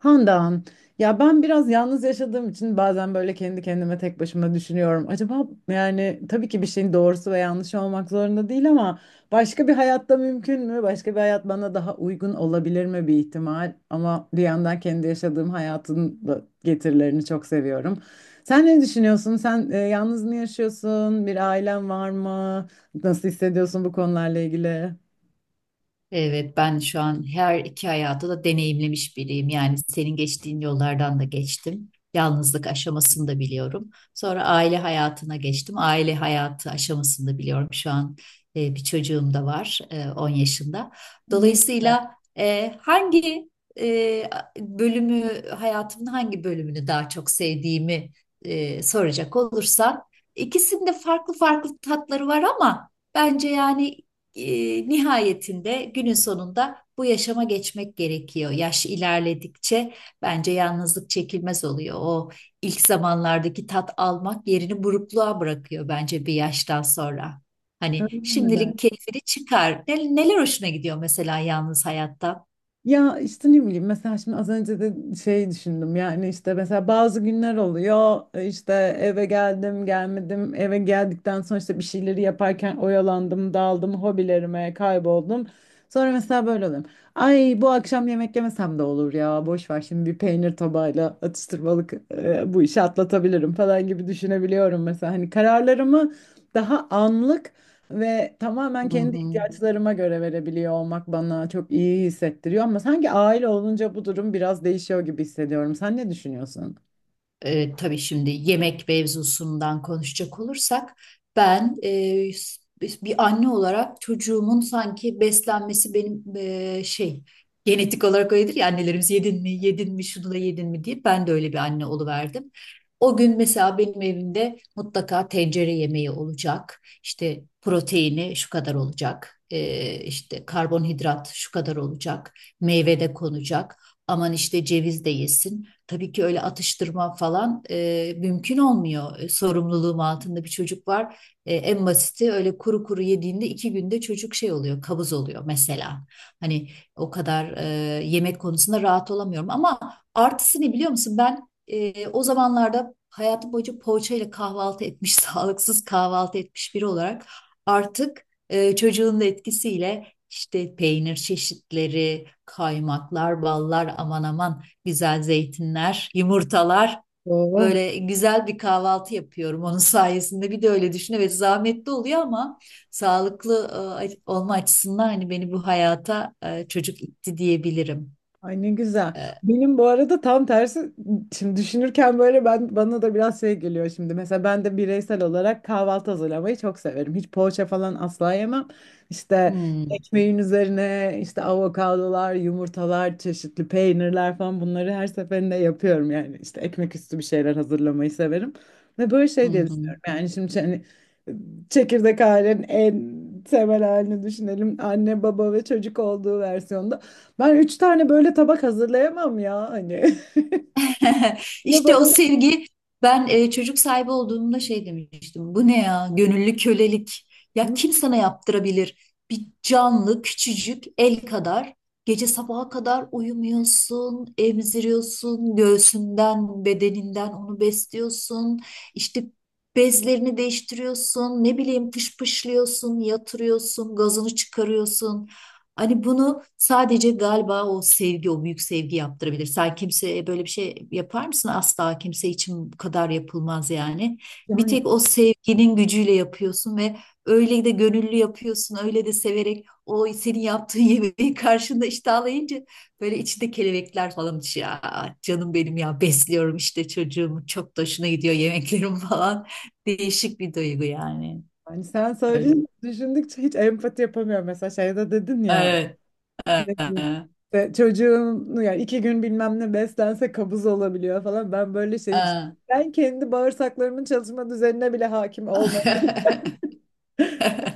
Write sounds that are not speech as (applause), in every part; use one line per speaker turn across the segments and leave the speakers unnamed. Handan, ya ben biraz yalnız yaşadığım için bazen böyle kendi kendime tek başıma düşünüyorum. Acaba yani tabii ki bir şeyin doğrusu ve yanlışı olmak zorunda değil ama başka bir hayatta mümkün mü? Başka bir hayat bana daha uygun olabilir mi bir ihtimal? Ama bir yandan kendi yaşadığım hayatın da getirilerini çok seviyorum. Sen ne düşünüyorsun? Sen yalnız mı yaşıyorsun? Bir ailen var mı? Nasıl hissediyorsun bu konularla ilgili?
Evet, ben şu an her iki hayatı da deneyimlemiş biriyim. Yani senin geçtiğin yollardan da geçtim. Yalnızlık aşamasını da biliyorum. Sonra aile hayatına geçtim. Aile hayatı aşamasını da biliyorum. Şu an bir çocuğum da var, 10 yaşında.
Ne?
Dolayısıyla e, hangi e, hayatımın hangi bölümünü daha çok sevdiğimi soracak olursan, ikisinde farklı farklı tatları var ama bence yani nihayetinde günün sonunda bu yaşama geçmek gerekiyor. Yaş ilerledikçe bence yalnızlık çekilmez oluyor. O ilk zamanlardaki tat almak yerini burukluğa bırakıyor bence bir yaştan sonra. Hani
Öyle mi?
şimdilik keyfini çıkar. Neler hoşuna gidiyor mesela yalnız hayatta?
Ya işte ne bileyim mesela şimdi az önce de şey düşündüm yani işte mesela bazı günler oluyor işte eve geldim gelmedim eve geldikten sonra işte bir şeyleri yaparken oyalandım daldım hobilerime kayboldum sonra mesela böyle oluyorum ay bu akşam yemek yemesem de olur ya boş ver şimdi bir peynir tabağıyla atıştırmalık bu işi atlatabilirim falan gibi düşünebiliyorum mesela hani kararlarımı daha anlık ve tamamen
Hı
kendi
hı.
ihtiyaçlarıma göre verebiliyor olmak bana çok iyi hissettiriyor ama sanki aile olunca bu durum biraz değişiyor gibi hissediyorum. Sen ne düşünüyorsun?
Tabii şimdi yemek mevzusundan konuşacak olursak ben bir anne olarak çocuğumun sanki beslenmesi benim şey genetik olarak öyledir ya annelerimiz yedin mi yedin mi şunu da yedin mi diye ben de öyle bir anne oluverdim. O gün mesela benim evimde mutlaka tencere yemeği olacak. İşte proteini şu kadar olacak. E, işte karbonhidrat şu kadar olacak. Meyve de konacak. Aman işte ceviz de yesin. Tabii ki öyle atıştırma falan mümkün olmuyor. Sorumluluğum altında bir çocuk var. En basiti öyle kuru kuru yediğinde 2 günde çocuk şey oluyor, kabız oluyor mesela. Hani o kadar yemek konusunda rahat olamıyorum. Ama artısı ne biliyor musun? Ben o zamanlarda hayatım boyunca poğaça ile kahvaltı etmiş, (laughs) sağlıksız kahvaltı etmiş biri olarak artık çocuğun da etkisiyle işte peynir çeşitleri, kaymaklar, ballar aman aman güzel zeytinler, yumurtalar.
Doğru.
Böyle güzel bir kahvaltı yapıyorum onun (laughs) sayesinde. Bir de öyle düşün. Evet, zahmetli oluyor ama sağlıklı olma açısından hani beni bu hayata çocuk itti diyebilirim.
Ay ne güzel.
E,
Benim bu arada tam tersi şimdi düşünürken böyle ben bana da biraz şey geliyor şimdi. Mesela ben de bireysel olarak kahvaltı hazırlamayı çok severim. Hiç poğaça falan asla yemem. İşte
hmm,
ekmeğin üzerine işte avokadolar, yumurtalar, çeşitli peynirler falan bunları her seferinde yapıyorum yani. İşte ekmek üstü bir şeyler hazırlamayı severim. Ve böyle
hı
şey diye
hı.
düşünüyorum. Yani şimdi hani çekirdek ailenin en temel halini düşünelim. Anne, baba ve çocuk olduğu versiyonda. Ben üç tane böyle tabak hazırlayamam ya hani. (laughs)
(laughs)
Bir de
İşte o
böyle-
sevgi, ben çocuk sahibi olduğumda şey demiştim. Bu ne ya? Gönüllü kölelik. Ya kim sana yaptırabilir? Bir canlı, küçücük el kadar, gece sabaha kadar uyumuyorsun, emziriyorsun, göğsünden, bedeninden onu besliyorsun. İşte bezlerini değiştiriyorsun, ne bileyim pış pışlıyorsun, yatırıyorsun, gazını çıkarıyorsun. Hani bunu sadece galiba o sevgi, o büyük sevgi yaptırabilir. Sen kimseye böyle bir şey yapar mısın? Asla kimse için bu kadar yapılmaz yani. Bir
Yani,
tek o sevginin gücüyle yapıyorsun ve öyle de gönüllü yapıyorsun, öyle de severek o senin yaptığın (laughs) yemeği karşında iştahlayınca böyle içinde kelebekler falan uçuyor. "Aa, canım benim ya, besliyorum işte çocuğumu, çok da hoşuna gidiyor yemeklerim (laughs) falan." Değişik bir duygu yani.
yani, sen
Öyle.
söyleyince düşündükçe hiç empati yapamıyorum. Mesela şeyde dedin ya
Evet. Ee,
ne bileyim, işte çocuğun yani iki gün bilmem ne beslense kabız olabiliyor falan. Ben böyle şey
ee.
ben kendi bağırsaklarımın çalışma düzenine bile hakim.
(laughs)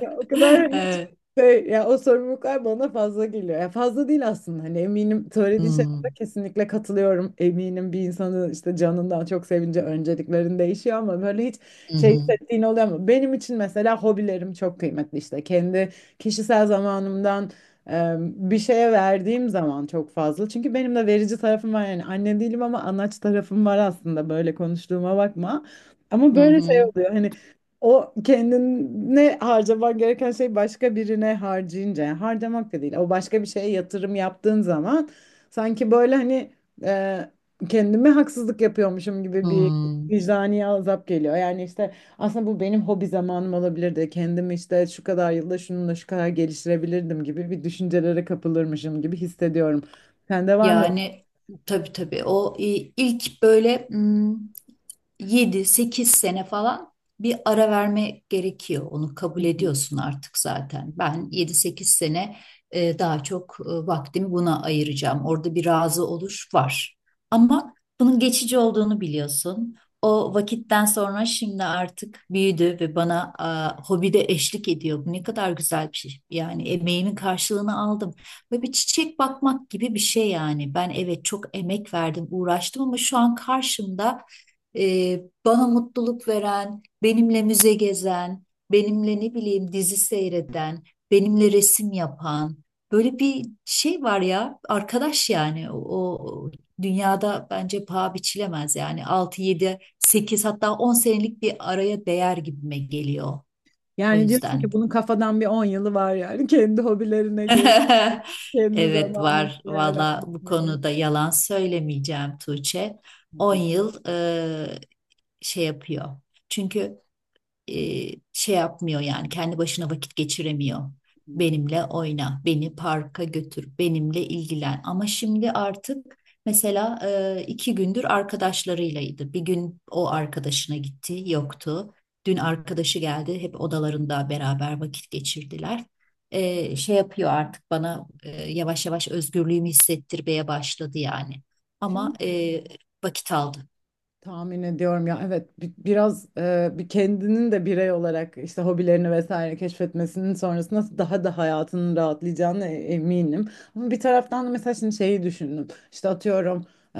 Ya o kadar hani hiç
Evet.
şey, ya o sorumluluklar bana fazla geliyor. Ya fazla değil aslında. Hani eminim söylediğin şeylere
Hmm.
kesinlikle katılıyorum. Eminim bir insanın işte canından çok sevince önceliklerin değişiyor ama böyle hiç
Hı
şey
hı.
hissettiğin oluyor mu? Benim için mesela hobilerim çok kıymetli işte. Kendi kişisel zamanımdan bir şeye verdiğim zaman çok fazla. Çünkü benim de verici tarafım var yani anne değilim ama anaç tarafım var aslında böyle konuştuğuma bakma. Ama
Hı
böyle şey
hı.
oluyor hani o kendine harcaman gereken şey başka birine harcayınca yani harcamak da değil. O başka bir şeye yatırım yaptığın zaman sanki böyle hani e, kendime haksızlık yapıyormuşum gibi bir
Hmm.
vicdani azap geliyor. Yani işte aslında bu benim hobi zamanım olabilirdi. Kendimi işte şu kadar yılda şununla şu kadar geliştirebilirdim gibi bir düşüncelere kapılırmışım gibi hissediyorum. Sende var mı? Öyle?
Yani tabii tabii, o ilk böyle yedi sekiz sene falan bir ara verme gerekiyor. Onu kabul ediyorsun artık zaten. Ben yedi sekiz sene daha çok vaktimi buna ayıracağım. Orada bir razı oluş var. Ama bunun geçici olduğunu biliyorsun. O vakitten sonra şimdi artık büyüdü ve bana hobide eşlik ediyor. Bu ne kadar güzel bir şey. Yani emeğimin karşılığını aldım. Böyle bir çiçek bakmak gibi bir şey yani. Ben, evet, çok emek verdim, uğraştım ama şu an karşımda bana mutluluk veren, benimle müze gezen, benimle ne bileyim dizi seyreden, benimle resim yapan böyle bir şey var ya arkadaş yani o dünyada bence paha biçilemez, yani 6 7 8 hatta 10 senelik bir araya değer gibime geliyor. O
Yani diyorsun
yüzden
ki bunun kafadan bir 10 yılı var yani (laughs) kendi hobilerine geri
(laughs)
kendi
evet,
zamanını
var. Valla bu
değerlendirmenin
konuda yalan söylemeyeceğim Tuğçe. on
haklısın.
yıl şey yapıyor. Çünkü e, şey yapmıyor yani kendi başına vakit geçiremiyor. Benimle oyna, beni parka götür, benimle ilgilen. Ama şimdi artık mesela 2 gündür arkadaşlarıylaydı. Bir gün o arkadaşına gitti, yoktu. Dün arkadaşı geldi, hep odalarında beraber vakit geçirdiler. Şey yapıyor artık, bana yavaş yavaş özgürlüğümü hissettirmeye başladı yani. Ama
Şimdi
vakit aldı.
tahmin ediyorum ya evet biraz bir kendinin de birey olarak işte hobilerini vesaire keşfetmesinin sonrasında daha da hayatının rahatlayacağına eminim. Ama bir taraftan da mesela şimdi şeyi düşündüm. İşte atıyorum e,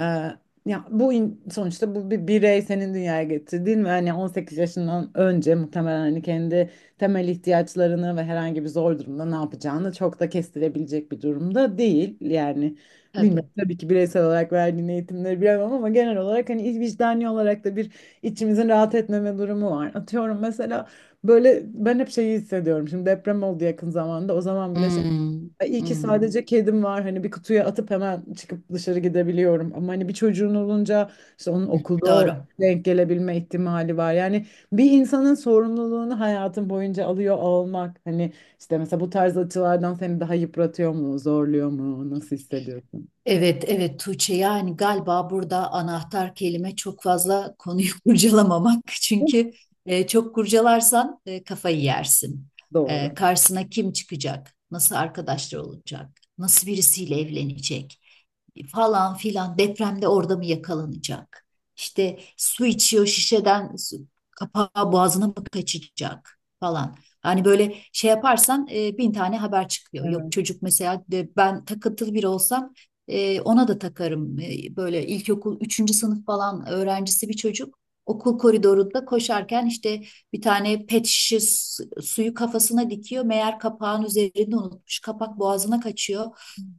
ya bu sonuçta bu bir birey senin dünyaya getirdiğin ve hani 18 yaşından önce muhtemelen hani kendi temel ihtiyaçlarını ve herhangi bir zor durumda ne yapacağını çok da kestirebilecek bir durumda değil. Yani bilmiyorum
Tabii.
tabii ki bireysel olarak verdiğin eğitimleri bilemem ama genel olarak hani vicdani olarak da bir içimizin rahat etmeme durumu var. Atıyorum mesela böyle ben hep şeyi hissediyorum. Şimdi deprem oldu yakın zamanda. O zaman bile şey
Hmm,
"Ay, iyi ki
hmm.
sadece kedim var. Hani bir kutuya atıp hemen çıkıp dışarı gidebiliyorum. Ama hani bir çocuğun olunca işte onun okulda o
Doğru.
denk gelebilme ihtimali var. Yani bir insanın sorumluluğunu hayatın boyunca alıyor olmak. Hani işte mesela bu tarz açılardan seni daha yıpratıyor mu, zorluyor mu, nasıl hissediyorsun?
Evet, evet Tuğçe, yani galiba burada anahtar kelime çok fazla konuyu (laughs) kurcalamamak. Çünkü çok kurcalarsan kafayı yersin.
Doğru.
Karşısına kim çıkacak? Nasıl arkadaşlar olacak? Nasıl birisiyle evlenecek? Falan filan depremde orada mı yakalanacak? İşte su içiyor şişeden, kapağı boğazına mı kaçacak falan. Hani böyle şey yaparsan bin tane haber çıkıyor. Yok
Evet.
çocuk mesela, de ben takıntılı biri olsam ona da takarım. Böyle ilkokul üçüncü sınıf falan öğrencisi bir çocuk. Okul koridorunda koşarken işte bir tane pet şişe suyu kafasına dikiyor. Meğer kapağın üzerinde unutmuş. Kapak boğazına kaçıyor.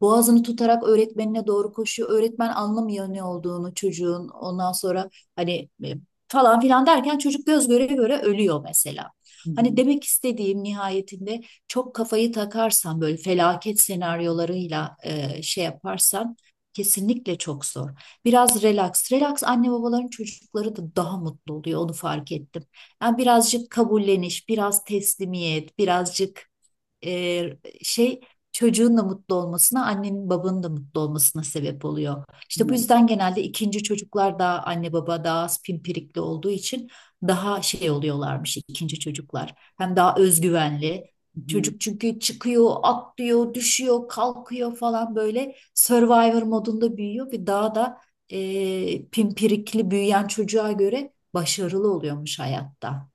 Boğazını tutarak öğretmenine doğru koşuyor. Öğretmen anlamıyor ne olduğunu çocuğun. Ondan sonra hani falan filan derken çocuk göz göre göre ölüyor mesela.
Hı
Hani
hı.
demek istediğim, nihayetinde çok kafayı takarsan böyle felaket senaryolarıyla şey yaparsan, kesinlikle çok zor. Biraz relax. Relax anne babaların çocukları da daha mutlu oluyor, onu fark ettim. Yani birazcık kabulleniş, biraz teslimiyet, birazcık e, şey çocuğun da mutlu olmasına, annenin babanın da mutlu olmasına sebep oluyor. İşte bu
Evet.
yüzden genelde ikinci çocuklar, daha anne baba daha az pimpirikli olduğu için, daha şey oluyorlarmış ikinci çocuklar. Hem daha özgüvenli.
Hı hı.
Çocuk çünkü çıkıyor, atlıyor, düşüyor, kalkıyor falan, böyle Survivor modunda büyüyor ve daha da pimpirikli büyüyen çocuğa göre başarılı oluyormuş hayatta.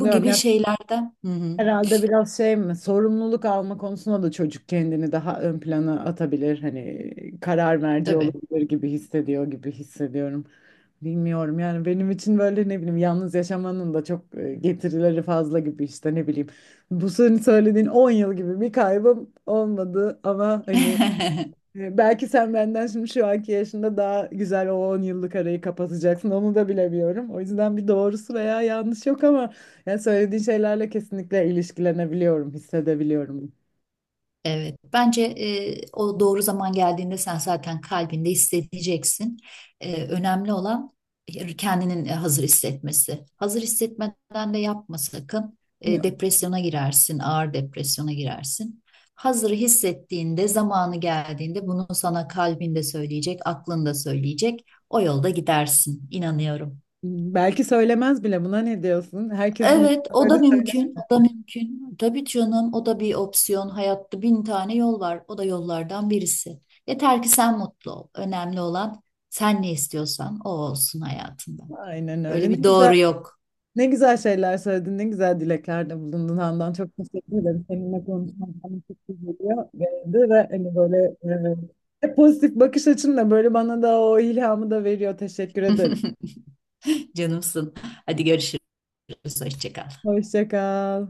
Bu gibi
Ya
şeylerden. Hı hı,
herhalde biraz şey mi? Sorumluluk alma konusunda da çocuk kendini daha ön plana atabilir. Hani karar merci
tabii.
olabilir gibi hissediyor gibi hissediyorum. Bilmiyorum yani benim için böyle ne bileyim yalnız yaşamanın da çok getirileri fazla gibi işte ne bileyim. Bu senin söylediğin 10 yıl gibi bir kaybım olmadı ama hani
(laughs)
Belki sen benden şimdi şu anki yaşında daha güzel o 10 yıllık arayı kapatacaksın. Onu da bilemiyorum. O yüzden bir doğrusu veya yanlış yok ama yani söylediğin şeylerle kesinlikle ilişkilenebiliyorum, hissedebiliyorum.
Evet, bence o doğru zaman geldiğinde sen zaten kalbinde hissedeceksin. Önemli olan kendinin hazır hissetmesi. Hazır hissetmeden de yapma sakın. E,
Yok.
depresyona girersin, ağır depresyona girersin. Hazır hissettiğinde, zamanı geldiğinde bunu sana kalbinde söyleyecek, aklında söyleyecek. O yolda gidersin, inanıyorum.
Belki söylemez bile. Buna ne diyorsun? Herkesin (laughs) ilk
Evet, o da
böyle söyler
mümkün, o da mümkün. Tabii canım, o da bir opsiyon. Hayatta bin tane yol var, o da yollardan birisi. Yeter ki sen mutlu ol. Önemli olan, sen ne istiyorsan o olsun hayatında.
mi? Aynen
Böyle
öyle. Ne
bir
güzel.
doğru yok.
Ne güzel şeyler söyledin, ne güzel dileklerde bulundun Handan. Çok teşekkür ederim. Seninle konuşmak bana çok iyi geldi ve hani böyle e, hep pozitif bakış açınla böyle bana da o ilhamı da veriyor. Teşekkür ederim.
(laughs) Canımsın. Hadi görüşürüz, hoşça kal.
Hoşça kal.